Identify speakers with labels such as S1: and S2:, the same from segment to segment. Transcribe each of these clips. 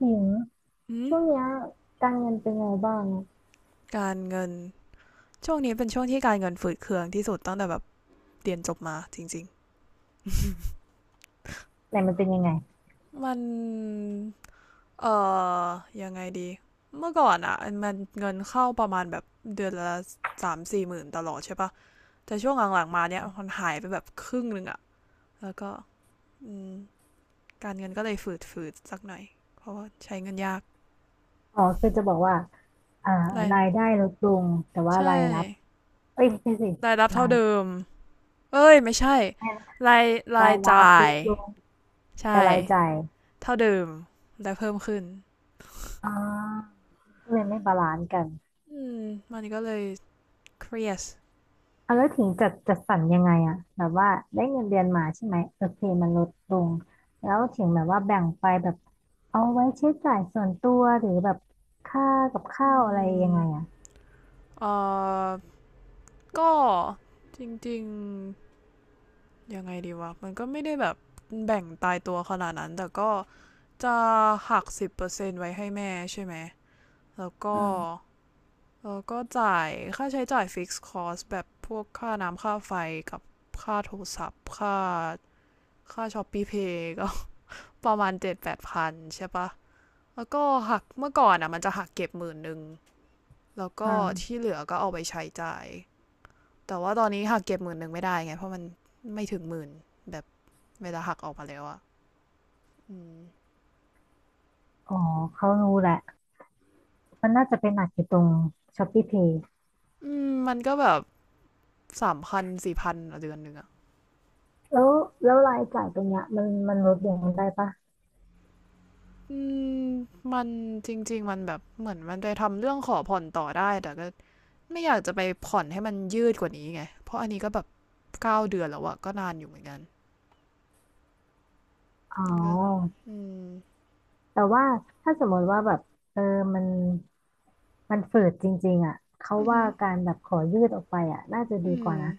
S1: หญิง
S2: อืม
S1: ช่วงเนี้ยการเงินเป็นไงบ้างอะ
S2: การเงินช่วงนี้เป็นช่วงที่การเงินฝืดเคืองที่สุดตั้งแต่แบบเรียนจบมาจริง
S1: ไหนมันเป็นยังไง
S2: ๆมันเอ่อยังไงดีเมื่อก่อนอ่ะมันเงินเข้าประมาณแบบเดือนละสามสี่หมื่นตลอดใช่ปะแต่ช่วงหลังๆมาเนี้ยมันหายไปแบบครึ่งหนึ่งอ่ะแล้วก็อืมการเงินก็เลยฝืดฝืดสักหน่อยเพราะว่าใช้เงินยาก
S1: อ๋อคือจะบอกว่าอ่า
S2: ราย
S1: รายได้ลดลงแต่ว่า
S2: ใช่
S1: รายรับเอ้ยไม่ใช่สิ
S2: รายรับ
S1: รา
S2: เท่า
S1: ย
S2: เดิมเอ้ยไม่ใช่รายรา
S1: รา
S2: ย
S1: ยรับ
S2: จ่า
S1: ล
S2: ย
S1: ดลง
S2: ใช่
S1: แต่รายจ่าย
S2: เท่าเดิมแต่เพิ่มขึ้น
S1: อ่าก็เลยไม่บาลานซ์กัน
S2: อืมมันก็เลยเครียด
S1: อ่ะแล้วถึงจัดสรรยังไงอะแบบว่าได้เงินเดือนมาใช่ไหมโอเคมันลดลงแล้วถึงแบบว่าแบ่งไปแบบเอาไว้ใช้จ่ายส่วนตัวหรือแบบค่ากับ
S2: อื
S1: ข้าวอะไรยั
S2: ม
S1: งไงอะ
S2: เอ่อก็จริงๆยังไงดีวะมันก็ไม่ได้แบบแบ่งตายตัวขนาดนั้นแต่ก็จะหัก10%ไว้ให้แม่ใช่ไหมแล้วก็
S1: อืม
S2: จ่ายค่าใช้จ่ายฟิกซ์คอสแบบพวกค่าน้ำค่าไฟกับค่าโทรศัพท์ค่าช้อปปี้เพย์ก็ ประมาณ7-8พันใช่ปะ แล้วก็หักเมื่อก่อนอ่ะมันจะหักเก็บหมื่นหนึ่งแล้ว
S1: อื
S2: ก็
S1: ม
S2: ที่เหลือก็เอาไปใช้จ่ายแต่ว่าตอนนี้หักเก็บหมื่นหนึ่งไม่ได้ไงเพราะมันไม่ถึงหมื่นแบบเวลาหักออกมาแล้วอ่ะอืม
S1: อ๋อเขารู้แหละ มันน่าจะไปนหนักอยู่ตรง Shopee Pay
S2: อืมมันก็แบบสามพันสี่พันเดือนหนึ่งอ่ะ
S1: แล้วแล้วรายจ่ายตรงเนี้ยมันลดลงได้ปะ
S2: อืมมันจริงๆมันแบบเหมือนมันไปทำเรื่องขอผ่อนต่อได้แต่ก็ไม่อยากจะไปผ่อนให้มันยืดกว่านี้ไงเพราะอันนี้ก็แบบ9 เดือนแล้วอะก็นานอยู่เหมือนกัน
S1: อ๋อ
S2: ก็อืม
S1: แต่ว่าถ้าสมมติว่าแบบเออมันมันฝืดจริงๆอ่ะเขา
S2: อื
S1: ว่า
S2: ม
S1: การแบบขอยืดออกไปอ่ะน่าจะดี
S2: อื
S1: กว่า
S2: ม
S1: นะ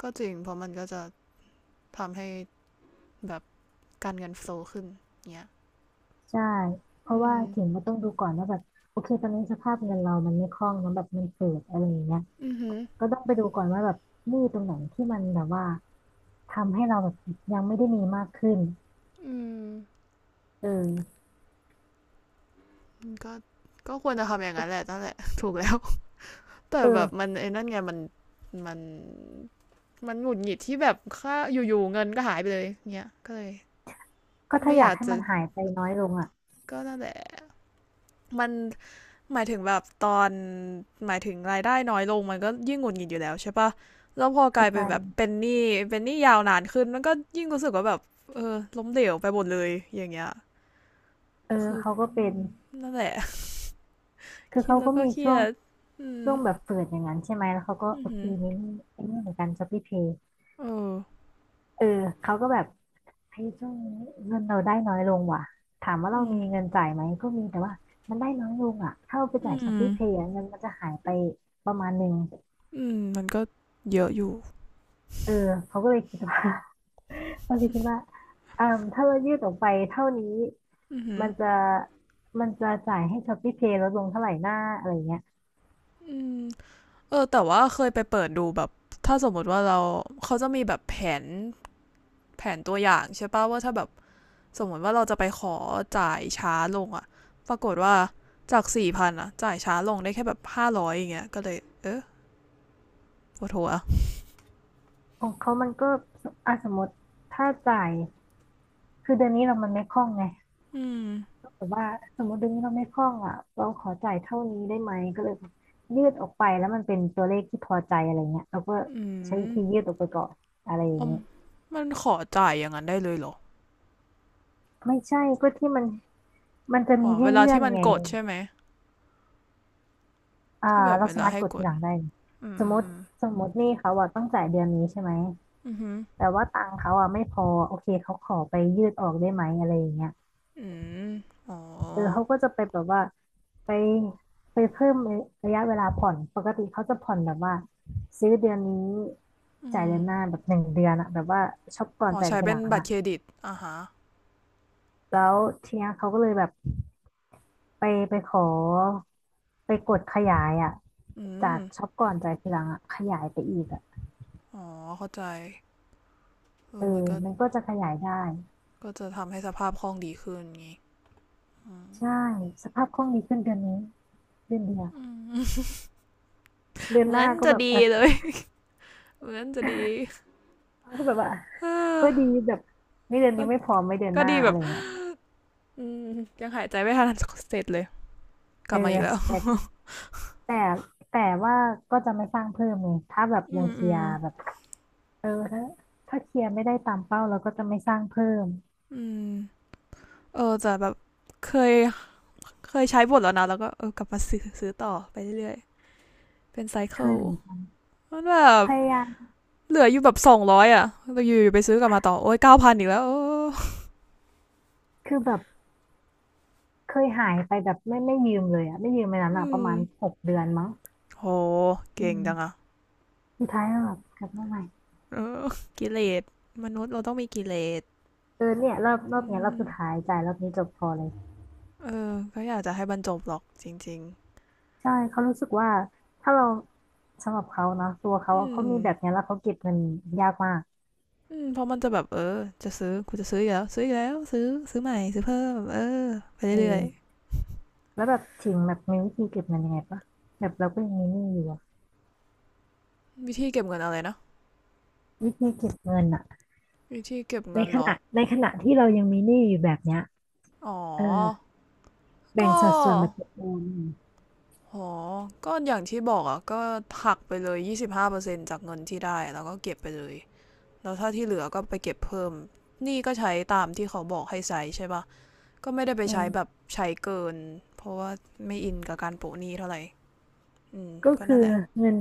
S2: ก็จริงเพราะมันก็จะ ทำให้แบบการเงินโฟลว์ขึ้นเงี้ย
S1: ใช่ เพ
S2: อื
S1: ราะว่า
S2: ม
S1: ถึงก็ต้องดูก่อนว่าแบบโอเคตอนนี้สภาพเงินเรามันไม่คล่องมันแบบมันฝืดอะไรอย่างเงี้ย
S2: อือหือ
S1: ก็ต้องไปดูก่อนว่าแบบหนี้ตรงไหนที่มันแบบว่าทำให้เราแบบยังไม่ได้มีมากขึ้น
S2: อืม
S1: เออ
S2: ก็ก็ควรจะทำอย่างนั้นแหละนั่นแหละ ถูกแล้ว แต่
S1: เอ
S2: แบบ
S1: อ
S2: มันไอ้นั่นไงมัน มันมันหงุดหงิดที่แบบค่าอยู่ๆเงินก็หายไปเลยเงี้ยก็เลย
S1: ก็ถ้า
S2: ไม่
S1: อ
S2: อ
S1: ยา
S2: ยา
S1: ก
S2: ก
S1: ให้
S2: จะ
S1: มันหายไปน้อยลงอ่ะ
S2: ก็นั่นแหละมันหมายถึงแบบตอนหมายถึงรายได้น้อยลงมันก็ยิ่งหงุดหงิดอยู่แล้วใช่ปะแล้วพอก
S1: เข้า
S2: ลาย
S1: ใจ
S2: เป็นแบบเป็นหนี้เป็นหนี้ยาวนานขึ้นมันก็ยิ่งรู้สึกว่าแบบเออล้มเหลวไปหมดเลยอย่างเงี้ย
S1: เออ
S2: คือ
S1: เขาก็เป็น
S2: นั่นแหละ
S1: คือ
S2: คิด
S1: เขา
S2: แล้
S1: ก็
S2: วก็
S1: มี
S2: เครี
S1: ช่ว
S2: ย
S1: ง
S2: ดอืม
S1: แบบเปิดอย่างนั้นใช่ไหมแล้วเขาก็
S2: อื
S1: โอ
S2: อื
S1: เค
S2: อ
S1: นี่นี่ไอ้นี่เหมือนกันช้อปปี้เพย์
S2: เออ
S1: เออเขาก็แบบเฮ้ยช่วงนี้เงินเราได้น้อยลงว่ะถามว่าเรา
S2: อืม
S1: มีเงินจ่ายไหมก็มีแต่ว่ามันได้น้อยลงอ่ะถ้าเราไป
S2: อื
S1: จ่ายช้อป
S2: ม
S1: ปี้เพย์เงินมันจะหายไปประมาณหนึ่ง
S2: อืมมันก็เยอะอยู่
S1: เออเขาก็เลยคิดว่า เขาเลยคิดว่าอ่าถ้าเรายืดออกไปเท่านี้
S2: อือหือ
S1: มันจะมันจะจ่ายให้ช้อปปี้เพย์ลดลงเท่าไหร่หน้าอะไรเงี้ย
S2: อืมเออแต่ว่าเคยไปเปิดดูแบบถ้าสมมติว่าเราเขาจะมีแบบแผนตัวอย่างใช่ป่ะว่าถ้าแบบสมมติว่าเราจะไปขอจ่ายช้าลงอะปรากฏว่าจากสี่พันอะจ่ายช้าลงได้แค่แบบ500อย่างเงี้ยก็เลยเออปวดหัว
S1: ของเขามันก็อ่ะสมมติถ้าจ่ายคือเดือนนี้เรามันไม่คล่องไง
S2: อืม
S1: แต่ว่าสมมติเดือนนี้เราไม่คล่องอ่ะเราขอจ่ายเท่านี้ได้ไหมก็เลยยืดออกไปแล้วมันเป็นตัวเลขที่พอใจอะไรเงี้ยเราก็
S2: อื
S1: ใช้วิธียื
S2: ม
S1: ดออกไปก่อนอะไรอย่า
S2: อ
S1: ง
S2: ม
S1: เงี้ย
S2: มันขอจ่ายอย่างนั้นได้เลยเหรอ
S1: ไม่ใช่ก็ที่มันจะ
S2: อ๋อ
S1: มีให้
S2: เวลา
S1: เลื่อ
S2: ที่
S1: น
S2: มัน
S1: ไง
S2: กดใช่ไหม
S1: อ่า
S2: ที่แบบ
S1: เรา
S2: เว
S1: สา
S2: ลา
S1: มารถ
S2: ให้
S1: กด
S2: ก
S1: ที
S2: ด
S1: หลังได้
S2: อืม
S1: สม
S2: อื
S1: ม
S2: ม
S1: ติ
S2: อืม
S1: หนี่เขาอ่ะต้องจ่ายเดือนนี้ใช่ไหม
S2: อื
S1: แต่ว่าตังค์เขาอ่ะไม่พอโอเคเขาขอไปยืดออกได้ไหมอะไรอย่างเงี้ย
S2: มอ๋อ
S1: เออเขาก็จะไปแบบว่าไปไปเพิ่มระยะเวลาผ่อนปกติเขาจะผ่อนแบบว่าซื้อเดือนนี้
S2: อื
S1: จ่าย
S2: ม
S1: เดือนหน้าแบบหนึ่งเดือนอะแบบว่าช็อปก่อน
S2: อ๋อ
S1: จ่าย
S2: ใช้
S1: ที
S2: เป็
S1: หลั
S2: น
S1: ง
S2: บัตร
S1: อะ
S2: เครดิตอ่าฮะ
S1: แล้วทีเนี้ยเขาก็เลยแบบไปไปขอไปกดขยายอะ
S2: อื
S1: จา
S2: ม
S1: กช็อปก่อนจ่ายทีหลังอะขยายไปอีกอะ
S2: อ๋อเข้าใจเอ
S1: เอ
S2: อ
S1: อ
S2: มันก็
S1: มันก็จะขยายได้
S2: จะทำให้สภาพคล่องดีขึ้นงี้
S1: ใช่สภาพคล่องดีขึ้นเดือนนี้เดือนเดียวเดือน
S2: เห
S1: ห
S2: มือ
S1: น้า
S2: น
S1: ก็
S2: จะ
S1: แบบ
S2: ดี
S1: เอ
S2: เล
S1: อ
S2: ย เหมือนจะดี
S1: ก็แบบว่า
S2: เออ
S1: ก็ดีแบบไม่เดือน
S2: ก็
S1: นี้ไม่พอไม่เดือนหน้า
S2: ดีแบ
S1: อะไร
S2: บ
S1: อย่างเงี้ย
S2: อืมยังหายใจไม่ทันเสร็จเลยก
S1: เอ
S2: ลั
S1: อ
S2: บมาอีกแล้ว
S1: แต่แต่แต่ว่าก็จะไม่สร้างเพิ่มไงถ้าแบบ
S2: อื
S1: ยัง
S2: ม
S1: เค
S2: อื
S1: ลีย
S2: ม
S1: ร์แบบเออถ้าเคลียร์ไม่ได้ตามเป้าเราก็จะไม่สร้างเพิ่ม
S2: อืมเออแต่แบบเคยเคยใช้หมดแล้วนะแล้วก็เออกลับมาซื้อต่อไปเรื่อยๆเป็นไซ
S1: เค
S2: เคิล
S1: ยเหมือนกัน
S2: มันแบบ
S1: พยายาม
S2: เหลืออยู่แบบ200อ่ะเราอยู่ไปซื้อกลับมาต่อโอ้ย9,000อีกแล้วโอ้
S1: คือแบบเคยหายไปแบบไม่ยืมเลยอะไม่ยืมไปนั้น
S2: อื
S1: อะประ
S2: ม
S1: มาณ6 เดือนมั้ง
S2: โห
S1: อื
S2: เก่งจังอ่ะ
S1: มสุดท้ายก็แบบกลับมาใหม่
S2: กิเลสมนุษย์เราต้องมีกิเลส
S1: เออเนี่ยรอ
S2: อื
S1: บเนี้ยรอบ
S2: ม
S1: สุดท้ายจ่ายรอบนี้จบพอเลย
S2: เออก็อยากจะให้บรรจบหรอกจริง
S1: ใช่เขารู้สึกว่าถ้าเราสำหรับเขานะตัว
S2: ๆ
S1: เขา
S2: อื
S1: อะเขา
S2: ม
S1: มีแบบเนี้ยแล้วเขาเก็บเงินยากมาก
S2: อืมเพราะมันจะแบบเออจะซื้อกูจะซื้ออีกแล้วซื้ออีกแล้วซื้อใหม่ซื้อเพิ่มเออไป
S1: เ
S2: เรื่อย
S1: ออ แล้วแบบถิงแบบมีวิธีเก็บเงินยังไงปะแบบเราก็ยังมีหนี้อยู่อะ
S2: ๆวิธีเก็บเงินอะไรนะ
S1: วิธีเก็บเงินอะ
S2: วิธีเก็บเงินเหรอ
S1: ในขณะที่เรายังมีหนี้อยู่แบบเนี้ย
S2: อ๋อ
S1: เออ
S2: ก
S1: แบ่งสัดส่วนแบบ
S2: ็
S1: เอม
S2: อ๋ออย่างที่บอกอ่ะก็หักไปเลย25%จากเงินที่ได้แล้วก็เก็บไปเลยแล้วถ้าที่เหลือก็ไปเก็บเพิ่มนี่ก็ใช้ตามที่เขาบอกให้ใช้ใช่ปะก็ไม่ได้ไป
S1: อื
S2: ใช้แบบ
S1: ม
S2: ใช้เกินเพราะว่าไม่อินกับการโปะหนี้เท่าไหร่อืม
S1: ก็
S2: ก็
S1: คือ
S2: นั่นแหละ
S1: เงิน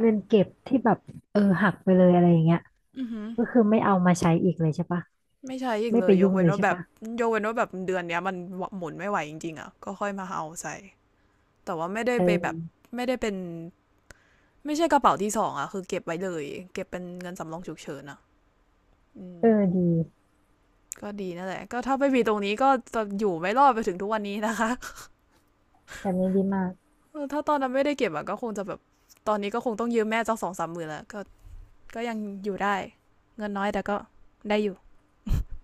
S1: เก็บที่แบบเออหักไปเลยอะไรอย่างเงี้ย
S2: อือหือ
S1: ก็คือไม่เอามาใช้อีกเลยใช่ปะ
S2: ไม่ใช้อีก
S1: ไม่
S2: เล
S1: ไป
S2: ยย
S1: ยุ่
S2: ก
S1: ง
S2: เว้
S1: เล
S2: น
S1: ย
S2: ว่า
S1: ใช่
S2: แบบ
S1: ปะ
S2: ยกเว้นว่าแบบเดือนเนี้ยมันหมุนไม่ไหวจริงๆอ่ะก็ค่อยมาเอาใส่แต่ว่าไม่ได้ไปแบบ
S1: เออ
S2: ไม่ได้เป็นไม่ใช่กระเป๋าที่สองอ่ะคือเก็บไว้เลยเก็บเป็นเงินสำรองฉุกเฉินอ่ะอืม
S1: เออดี
S2: ก็ดีนั่นแหละก็ถ้าไม่มีตรงนี้ก็จะอยู่ไม่รอดไปถึงทุกวันนี้นะคะ
S1: แบบนี้ดีมาก
S2: ถ้าตอนนั้นไม่ได้เก็บอะก็คงจะแบบตอนนี้ก็คงต้องยืมแม่เจ้าสองสามหมื่นแล้วก็ก็ยังอยู่ได้เงินน้อยแต่ก็ได้อยู่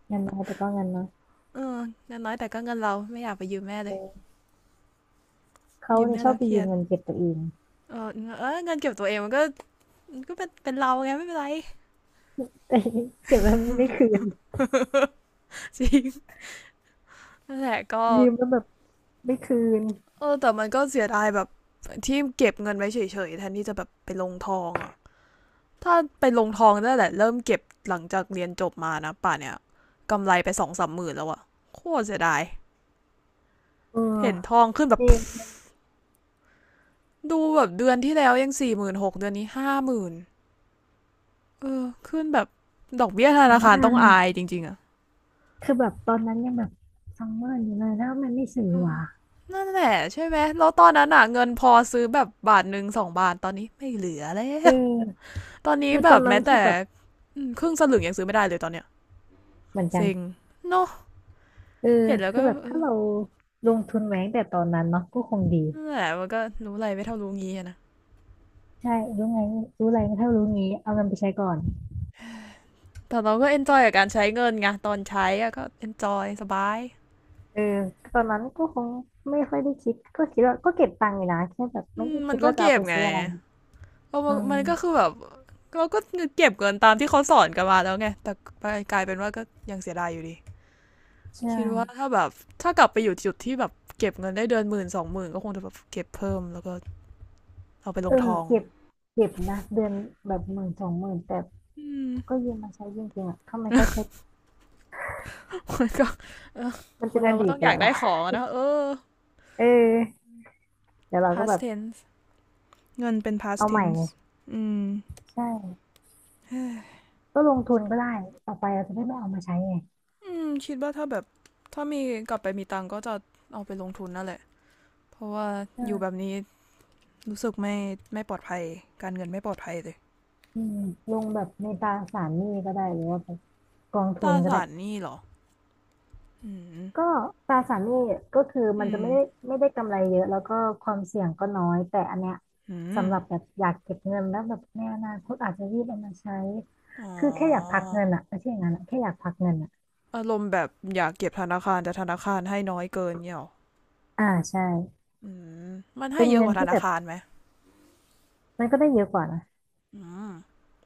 S1: เงินน้อยแต่ก็เงินน้อย
S2: เออเงินน้อยแต่ก็เงินเราไม่อยากไปยืมแม่เลย
S1: เออเขา
S2: ยืม
S1: เนี่ย
S2: แม่
S1: ชอ
S2: แล้
S1: บ
S2: ว
S1: ไป
S2: เครี
S1: ยื
S2: ย
S1: ม
S2: ด
S1: เงินเก็บตัวเอง
S2: เออเออเงินเก็บตัวเองมันก็ก็เป็นเราไงไม่เป็นไร
S1: แต่ เก็บแล้วไม่คืน
S2: จริงนั่นแหละก็
S1: ยืมแล้วแบบไม่คืน
S2: เออแต่มันก็เสียดายแบบที่เก็บเงินไว้เฉยๆแทนที่จะแบบไปลงทองอะ ถ้าไปลงทองได้แหละเริ่มเก็บหลังจากเรียนจบมานะป่านเนี่ยกำไรไป2-30,000แล้วอะโคตรเสียดาย
S1: เออ
S2: เห็นทองขึ้นแบ
S1: จ
S2: บ
S1: ริง
S2: ดูแบบเดือนที่แล้วยัง46,000เดือนนี้50,000เออขึ้นแบบดอกเบี้ยธ
S1: แต่
S2: นาคา
S1: ว่า
S2: รต้องอายจริงๆอะ
S1: คือแบบตอนนั้นยังแบบซัมเมอร์อยู่เลยแล้วมันไม่สื่อว่ะ
S2: นั่นแหละใช่ไหมแล้วตอนนั้นอะเงินพอซื้อแบบบาทหนึ่งสองบาทตอนนี้ไม่เหลือแล้
S1: เ
S2: ว
S1: ออ
S2: ตอนนี้
S1: คือ
S2: แบ
S1: ตอ
S2: บ
S1: นนั้
S2: แม้
S1: น
S2: แต่
S1: คือแบบ
S2: ครึ่งสลึงยังซื้อไม่ได้เลยตอนเนี้ย
S1: เหมือนกัน
S2: เซ็งเนาะ
S1: เออ
S2: เห็นแล้ว
S1: คือ
S2: ก็
S1: แบบ
S2: เอ
S1: ถ้า
S2: อ
S1: เราลงทุนไว้ตั้งแต่ตอนนั้นเนาะก็คงดี
S2: นั่นแหละมันก็รู้อะไรไม่เท่ารู้งี้อะนะ
S1: ใช่รู้ไงรู้อะไรถ้ารู้งี้เอาเงินไปใช้ก่อน
S2: แต่เราก็เอนจอยกับการใช้เงินไงตอนใช้อะก็เอนจอยสบาย
S1: เออตอนนั้นก็คงไม่ค่อยได้คิดก็คิดว่าก็เก็บตังค์อยู่นะแค่แบบไม่ได้
S2: มั
S1: คิ
S2: น
S1: ด
S2: ก็
S1: ว่าจะ
S2: เก็
S1: เอา
S2: บ
S1: ไป
S2: ไง
S1: ซื้ออะไร
S2: ก็
S1: อื
S2: มันก็คือ
S1: ม
S2: แบบเราก็เก็บเงินตามที่เขาสอนกันมาแล้วไงแต่กลายเป็นว่าก็ยังเสียดายอยู่ดี
S1: ใช่
S2: คิดว่าถ้าแบบถ้ากลับไปอยู่จุดที่แบบเก็บเงินได้เดือน1-20,000ก็คงจะแบบเก็บเพิ่มแล้วก็เอาไปล
S1: เออ
S2: งทอง
S1: เก็บเก็บนะเดือนแบบ10,000 20,000แต่
S2: อืม
S1: ก็ยืมมาใช้จริงๆอ่ะทำไมเขาใช้
S2: มันก็
S1: มัน
S2: ค
S1: เป็
S2: น
S1: นอ
S2: เราก็
S1: ดีต
S2: ต้อง
S1: ไป
S2: อยา
S1: แล้
S2: ก
S1: วแห
S2: ได้
S1: ละ
S2: ของอนะเออ
S1: เออ เดี๋ยวเราก็แบ
S2: past
S1: บ
S2: tense เงินเป็น past
S1: เอาใหม่ไง
S2: tense อืม
S1: ใช่ก็ลงทุนก็ได้ต่อไปเราจะได้ไม่เอามาใช้ไง
S2: อืมคิดว่าถ้าแบบถ้ามีกลับไปมีตังค์ก็จะเอาไปลงทุนนั่นแหละเพราะว่า
S1: ใช่
S2: อยู่แบบนี้รู้สึกไม่ปลอดภัยการเงินไม่ปลอดภัยเลย
S1: อืมลงแบบในตราสารหนี้ก็ได้หรือว่าแบบกอง
S2: ต
S1: ทุ
S2: รา
S1: นก็ได้
S2: สารหนี่หรอ อืม
S1: ก็ตราสารหนี้ก็คือมั
S2: อื
S1: นจะ
S2: ม
S1: ไม่ได้กำไรเยอะแล้วก็ความเสี่ยงก็น้อยแต่อันเนี้ย
S2: อืม
S1: สำหรับแบบอยากเก็บเงินแล้วแบบในอนาคตอาจจะรีบเอามาใช้
S2: อ๋อ
S1: คือแค่อยากพักเงินอะไม่ใช่อย่างนั้นอะแค่อยากพักเงินอะ
S2: อารมณ์แบบอยากเก็บธนาคารแต่ธนาคารให้น้อยเกินเนี่ยเหรอ
S1: อ่าใช่
S2: อืมมันให้
S1: เป็น
S2: เยอะ
S1: เงิ
S2: ก
S1: น
S2: ว่าธ
S1: ที่
S2: นา
S1: แบบ
S2: คารไหม
S1: มันก็ได้เยอะกว่านะ
S2: อืม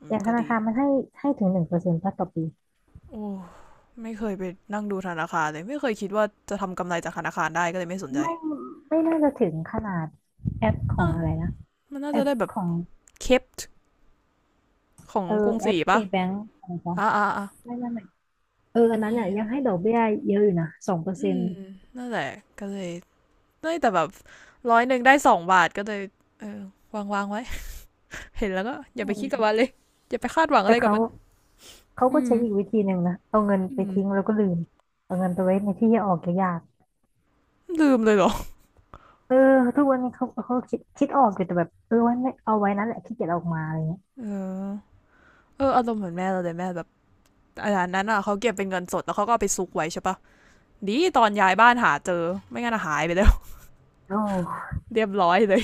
S2: อื
S1: อ
S2: ม
S1: ย่างธ
S2: ก็
S1: นา
S2: ดี
S1: คารมันให้ถึง1%ต่อปี
S2: โอ้ไม่เคยไปนั่งดูธนาคารเลยไม่เคยคิดว่าจะทำกำไรจากธนาคารได้ก็เลยไม่สนใจ
S1: ไม่ไม่น่าจะถึงขนาดแอปขอ
S2: อ่ะ
S1: งอะไรนะ
S2: มันน่า
S1: แอ
S2: จะ
S1: ป
S2: ได้แบบ
S1: ของ
S2: เคป ของ
S1: เออ
S2: กรุง
S1: แอ
S2: ศรี
S1: ป
S2: ปะ
S1: KBank อะไรปะ
S2: อ่าอ่าอ่า
S1: ไม่เอออันนั้น
S2: มี
S1: เนี่ยยังให้ดอกเบี้ยเยอะอยู่นะสองเปอร์
S2: อื
S1: เซ็น
S2: ม
S1: ต์
S2: นั่นแหละก็เลยเอ้ยแต่แบบร้อยหนึ่งได้สองบาทก็เลย เออวางไว้ เห็นแล้วก็อย่าไปคิดกับมันเลย อย่าไปคาดหวังอะ
S1: แต่
S2: ไรกับ
S1: เขา
S2: มัน
S1: ก็
S2: อืม
S1: ใช้อีกวิธีหนึ่งนะเอาเงิน
S2: อื
S1: ไป
S2: ม
S1: ทิ้งแล้วก็ลืมเอาเงินไปไว้ในที่ที่ออกยาก
S2: ลืมเลยเหรอ
S1: ๆเออทุกวันนี้เขาคิดออกอยู่แต่แบบเออไว้ไม่เอาไว้นั่นแหละขี้เกียจเอาออกมาอะไรเงี้ย
S2: เออ เอออารมณ์เหมือนแม่เราเลยแม่แบบ อาจารนั้นอ่ะเขาเก็บเป็นเงินสดแล้วเขาก็เอาไปซุกไว้ใช่ปะดีตอนย้ายบ้านหาเจอไม่งั้นอะหายไปแล้ว
S1: โอ้
S2: เรียบร้อยเลย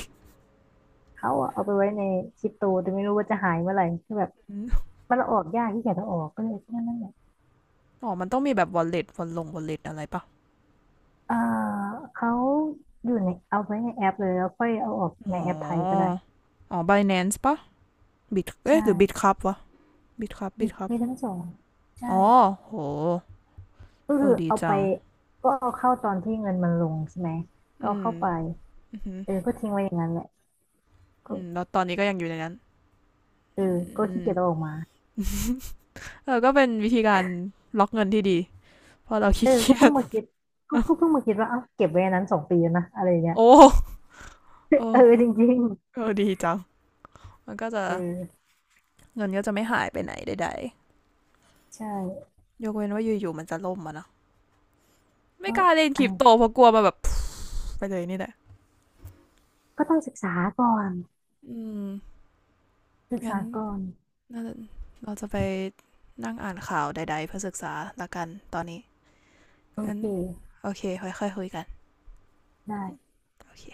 S1: เขาอะเอาไปไว้ในคริปโตแต่ไม่รู้ว่าจะหายเมื่อไหร่คือแบบ
S2: อืม
S1: มันเอาออกยากขี้เกียจเอาออกก็เลยนั่นแหละ
S2: อ๋อมันต้องมีแบบ wallet วอลลง wallet อะไรปะ
S1: เอ่อเขาอยู่ในเอาไว้ในแอปเลยแล้วค่อยเอาออกใน
S2: อ๋อ
S1: แอปไทยก็ได้
S2: อ๋อ Binance ปะ บิดเอ๊ะ
S1: ใช่
S2: หรือบิดครับวะบิดครับบิ
S1: มี
S2: ดครับ
S1: มีทั้งสองใช่
S2: อ๋อโห
S1: ก็
S2: เอ
S1: คื
S2: อ
S1: อ
S2: ดี
S1: เอาไป
S2: จัง
S1: ก็เอาเข้าตอนที่เงินมันลงใช่ไหมก็
S2: อื
S1: เอา
S2: ม
S1: เข้าไป
S2: อือือ
S1: เออก็ทิ้งไว้อย่างนั้นแหละก็
S2: อืมแล้วตอนนี้ก็ยังอยู่ในนั้น
S1: เอ
S2: อื
S1: อก็ขี้
S2: ม
S1: เกียจเอาออกมา
S2: เออก็เป็นวิธีการล็อกเงินที่ดีเพราะเรา
S1: เอ
S2: ขี้
S1: อก็
S2: เกีย
S1: เพิ่ง
S2: จ
S1: มาคิดก็ เพิ่งมาคิดว่าเอ้าเก็บไว้อันนั้น2 ปีแล้วนะอะไรอย่างเงี้ย
S2: โอ้โอ้
S1: เออจริง
S2: เออดีจังมันก็จะ
S1: ๆเออ
S2: เงินก็จะไม่หายไปไหนใด
S1: ใช่
S2: ๆยกเว้นว่าอยู่ๆมันจะล่มอะนะไม่
S1: ก็
S2: กล้าเล่นค
S1: อะ
S2: ริ
S1: ไร
S2: ปโตเพราะกลัวมาแบบ ไปเลยนี่แหละ
S1: ก็ต้องศึกษาก่อน
S2: อืม
S1: ศึก
S2: งั้น
S1: ษาก่อน
S2: าเราจะไปนั่งอ่านข่าวใดๆเพื่อศึกษาละกันตอนนี้
S1: โอ
S2: งั้น
S1: เค
S2: โอเคค่อยๆคุยกัน
S1: ได้
S2: โอเค